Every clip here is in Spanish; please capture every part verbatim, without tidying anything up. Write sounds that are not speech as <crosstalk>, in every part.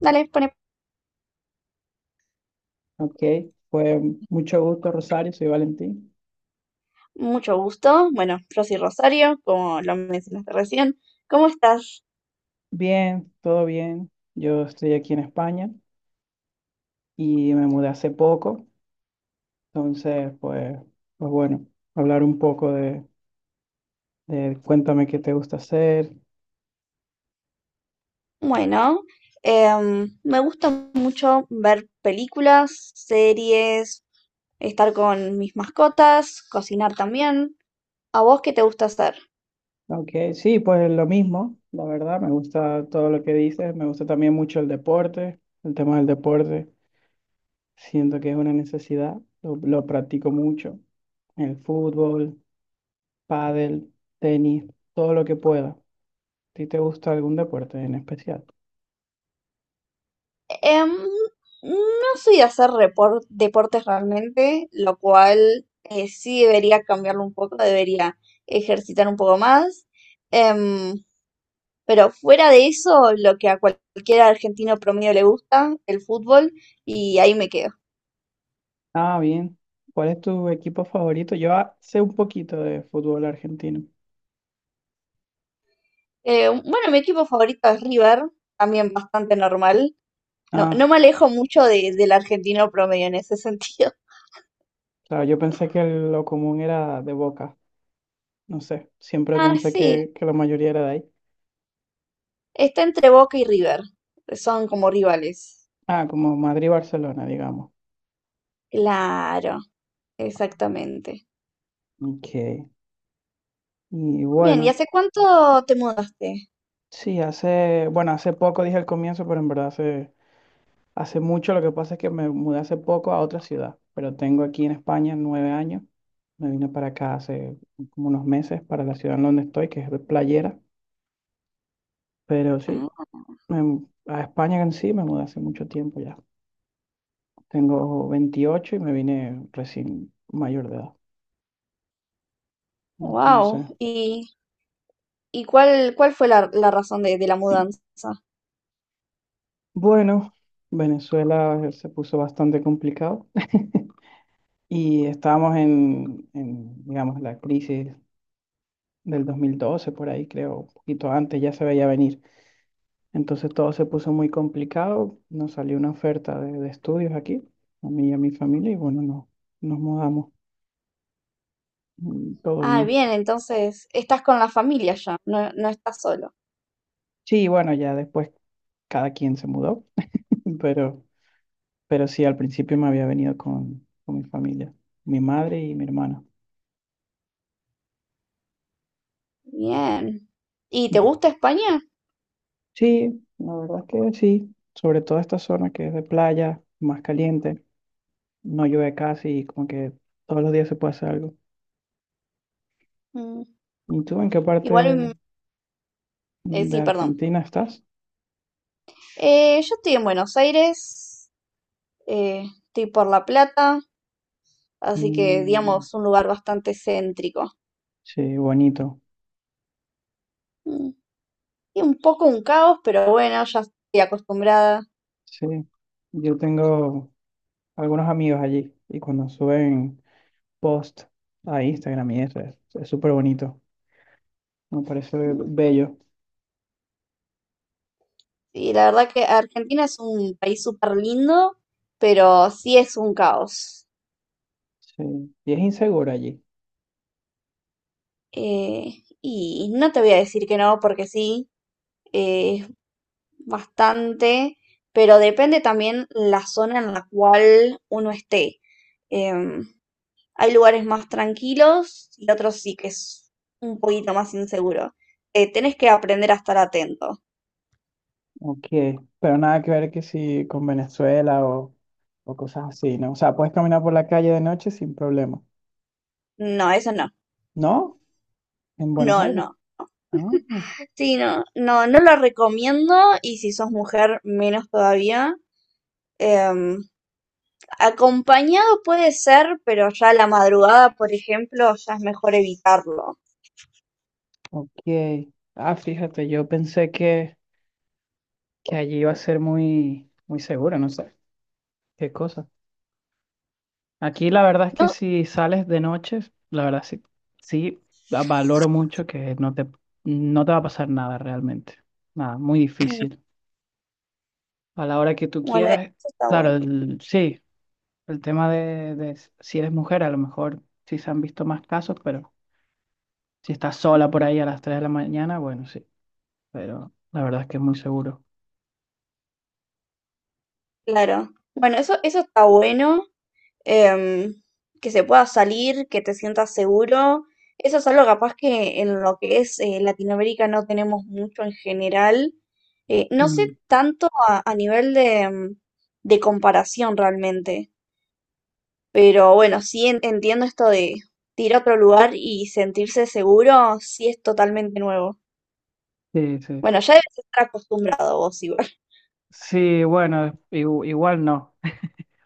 Dale, pone Ok, pues mucho gusto, Rosario, soy Valentín. mucho gusto. Bueno, yo soy Rosario, como lo mencionaste recién. ¿Cómo estás? Bien, todo bien. Yo estoy aquí en España y me mudé hace poco, entonces, pues, pues bueno, hablar un poco de, de cuéntame qué te gusta hacer. Bueno, em, me gusta mucho ver películas, series, estar con mis mascotas, cocinar también. ¿A vos qué te gusta hacer? Ok, sí, pues lo mismo, la verdad, me gusta todo lo que dices, me gusta también mucho el deporte, el tema del deporte, siento que es una necesidad, lo, lo practico mucho, el fútbol, pádel, tenis, todo lo que pueda. ¿ti te gusta algún deporte en especial? Em, no soy de hacer repor- deportes realmente, lo cual eh, sí debería cambiarlo un poco, debería ejercitar un poco más. Em, Pero fuera de eso, lo que a cualquier argentino promedio le gusta, el fútbol, y ahí me quedo. Ah, bien. ¿Cuál es tu equipo favorito? Yo ah, sé un poquito de fútbol argentino. Eh, bueno, mi equipo favorito es River, también bastante normal. No, Ah, no me alejo mucho de- del argentino promedio en ese sentido. <laughs> claro, yo pensé que lo común era de Boca. No sé, siempre Ah, pensé sí, que, que la mayoría era de ahí. está entre Boca y River. Son como rivales. Ah, como Madrid-Barcelona, digamos. Claro, exactamente. Ok. Y Bien, ¿y bueno, hace cuánto te mudaste? sí, hace, bueno, hace poco dije al comienzo, pero en verdad hace Hace mucho, lo que pasa es que me mudé hace poco a otra ciudad, pero tengo aquí en España nueve años. Me vine para acá hace como unos meses para la ciudad en donde estoy, que es de Playera. Pero sí, Ah, me mu- a España en sí me mudé hace mucho tiempo ya. Tengo veintiocho y me vine recién mayor de edad. Entonces, wow. ¿Y, ¿y, cuál, cuál fue la, la razón de de la mudanza? bueno, Venezuela eh, se puso bastante complicado <laughs> y estábamos en, en, digamos, la crisis del dos mil doce por ahí creo, un poquito antes ya se veía venir. Entonces todo se puso muy complicado. Nos salió una oferta de, de estudios aquí, a mí y a mi familia, y bueno, no, nos mudamos. Mm, todo Ah, bien. bien, entonces estás con la familia ya, no, no estás solo. Sí, bueno, ya después cada quien se mudó, <laughs> pero, pero, sí, al principio me había venido con, con mi familia, mi madre y mi hermana. Bien. ¿Y te gusta España? Sí, la verdad que sí, sobre todo esta zona que es de playa, más caliente, no llueve casi y como que todos los días se puede hacer algo. Mm, ¿Y tú en qué igual, parte mm, eh, de sí, perdón. Argentina estás? Eh, yo estoy en Buenos Aires, eh, estoy por La Plata, así que Mm. digamos un lugar bastante céntrico. Sí, bonito. Mm, y un poco un caos, pero bueno, ya estoy acostumbrada. Sí. Yo tengo algunos amigos allí y cuando suben post a Instagram y eso es es súper bonito. Me parece Mm, bello. y la verdad que Argentina es un país súper lindo, pero sí es un caos. Sí. Y es inseguro allí. Eh, y no te voy a decir que no, porque sí. eh, es bastante, pero depende también la zona en la cual uno esté. Em, hay lugares más tranquilos y otros sí que es un poquito más inseguro. Eh, tenés que aprender a estar atento. Ok. Pero nada que ver que si con Venezuela o, o cosas así, ¿no? O sea, puedes caminar por la calle de noche sin problema. No, eso no. ¿No? En Buenos No, Aires. no. Ah, Sí, no, no, no lo recomiendo y si sos mujer, menos todavía. Em, acompañado puede ser, pero ya a la madrugada, por ejemplo, ya es mejor evitarlo. ok. Ah, fíjate, yo pensé que, que allí iba a ser muy, muy seguro, no sé. ¿Qué cosa? Aquí la verdad es que No, si sales de noche, la verdad sí, sí va- valoro mucho que no te, no te va a pasar nada realmente. Nada, muy difícil. <clears throat> A la hora que tú bueno, quieras, eso está claro, bueno. el- sí, el tema de, de s- si eres mujer, a lo mejor sí se han visto más casos, pero si estás sola por ahí a las tres de la mañana, bueno, sí, pero la verdad es que es muy seguro. Claro. Bueno, eso, eso está bueno, em, que se pueda salir, que te sientas seguro. Eso es algo capaz que en lo que es eh, Latinoamérica no tenemos mucho en general. Eh, no sé Mm, tanto a, a nivel de, em, de comparación realmente, pero bueno, sí en- entiendo esto de, de ir a otro lugar y sentirse seguro, sí es totalmente nuevo. sí, sí. Bueno, ya debes estar acostumbrado vos igual. Sí, bueno, igu- igual no.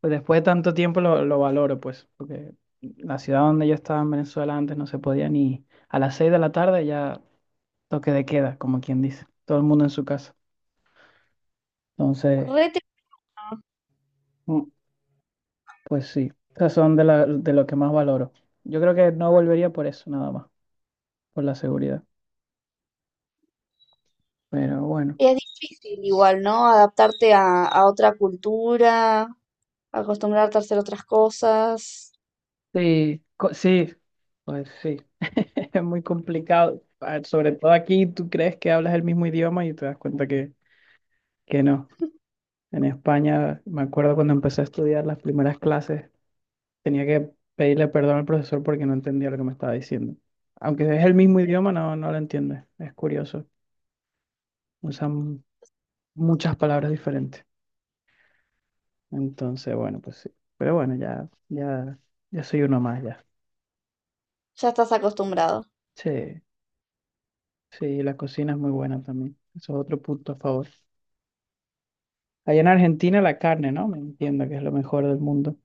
Pues después de tanto tiempo lo, lo valoro, pues, porque la ciudad donde yo estaba en Venezuela antes no se podía ni a las seis de la tarde ya toque de queda, como quien dice, todo el mundo en su casa. <laughs> Entonces, Re mm, pues sí, esas son de, la- de lo que más valoro. Yo creo que no volvería por eso, nada más, por la seguridad. Pero bueno, y es difícil igual, ¿no? Adaptarte a, a otra cultura, acostumbrarte a hacer otras cosas. sí, co- sí, pues sí, <laughs> es muy complicado. Ah, sobre todo aquí, tú crees que hablas el mismo idioma y te das cuenta que, que, no. En España, me acuerdo cuando empecé a estudiar las primeras clases, tenía que pedirle perdón al profesor porque no entendía lo que me estaba diciendo. Aunque es el mismo idioma, no, no lo entiende. Es curioso. Usan muchas palabras diferentes. Entonces, bueno, pues sí. Pero bueno, ya, ya, ya soy uno más ya. Ya estás acostumbrado. Sí, sí, la cocina es muy buena también. Eso es otro punto a favor. Allá en Argentina la carne, ¿no? Me entiendo que es lo mejor del mundo.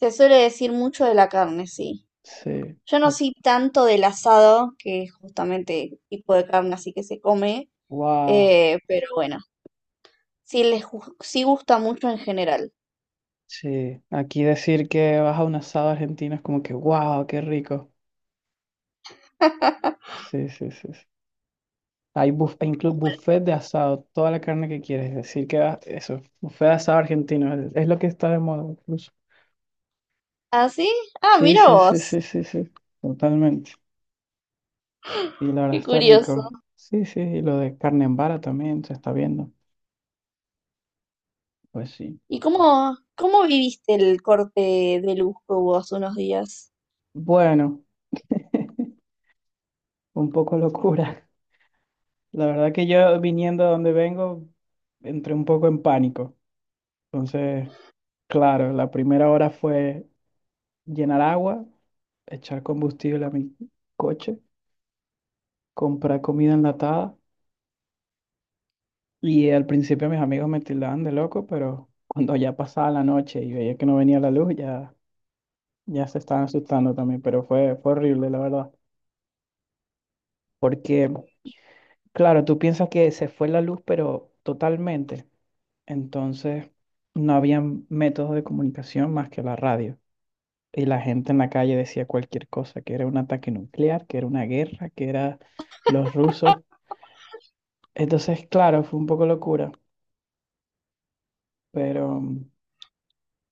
Se suele decir mucho de la carne, sí. Sí. Yo no soy tanto del asado, que es justamente el tipo de carne así que se come, Wow. eh, pero bueno, sí les gu- sí gusta mucho en general. Sí, aquí decir que vas a un asado argentino es como que, wow, qué rico. Sí, sí, sí. Sí. Hay buf hay incluso buffet de asado, toda la carne que quieres. Decir que vas, eso, buffet de asado argentino, es, es, lo que está de moda incluso. ¿Ah, sí? Ah, Sí, mira sí, sí, vos. sí, sí, sí, totalmente. Y la verdad Qué está curioso. rico. Sí, sí, y lo de carne en vara también se está viendo. Pues sí. ¿Y cómo, cómo viviste el corte de luz que hubo hace unos días? Bueno, un poco locura. <laughs> La verdad que yo viniendo a donde vengo, entré un poco en pánico. Entonces. Claro, la primera hora fue llenar agua, echar combustible a mi coche, comprar comida enlatada. Y al principio mis amigos me tildaban de loco, pero cuando ya pasaba la noche y veía que no venía la luz, ya, ya se estaban asustando también. Pero fue, fue horrible, la verdad. Porque, claro, tú piensas que se fue la luz, pero totalmente. Entonces, no había métodos de comunicación más que la radio. Y la gente en la calle decía cualquier cosa, que era un ataque nuclear, que era una guerra, que era los rusos. Entonces, claro, fue un poco locura, pero mm,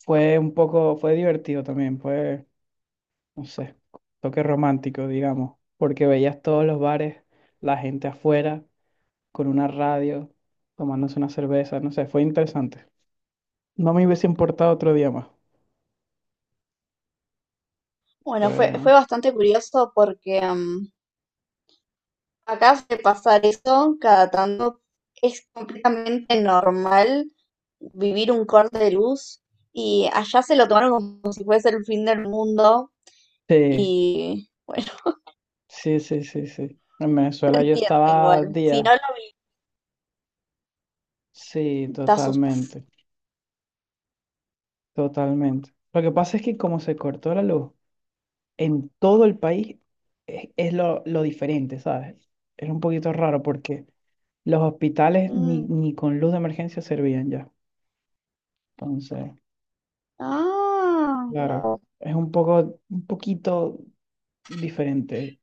fue un poco, fue divertido también, fue, no sé, toque romántico, digamos, porque veías todos los bares, la gente afuera, con una radio, tomándose una cerveza, no sé, fue interesante. No me hubiese importado otro día más. Bueno, fue, fue Fue. bastante curioso porque mm, acá de pasar eso cada tanto. Es completamente normal vivir un corte de luz y allá se lo tomaron como si fuese el fin del mundo Sí, y bueno, sí, sí, sí, sí. En <laughs> se Venezuela yo entiende estaba igual. Si no días, lo sí, vi, te asustas. totalmente. Totalmente. Lo que pasa es que como se cortó la luz en todo el país, es, es, lo, lo diferente, ¿sabes? Es un poquito raro porque los hospitales ni, Mm, ni con luz de emergencia servían ya. Entonces, ah, claro, guau. es un poco, un poquito diferente.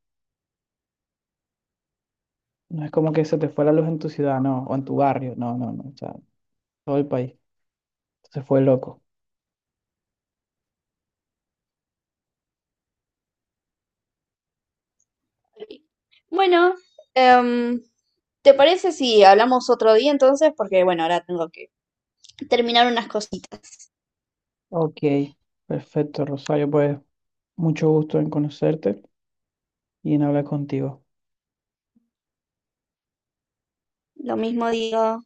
No es como que se te fue la luz en tu ciudad, no, o en tu barrio, no, no, no, o sea, todo el país. Se fue loco. Bueno, em, ¿te parece si hablamos otro día entonces? Porque bueno, ahora tengo que terminar unas cositas. Ok, perfecto, Rosario, pues mucho gusto en conocerte y en hablar contigo. Lo mismo digo.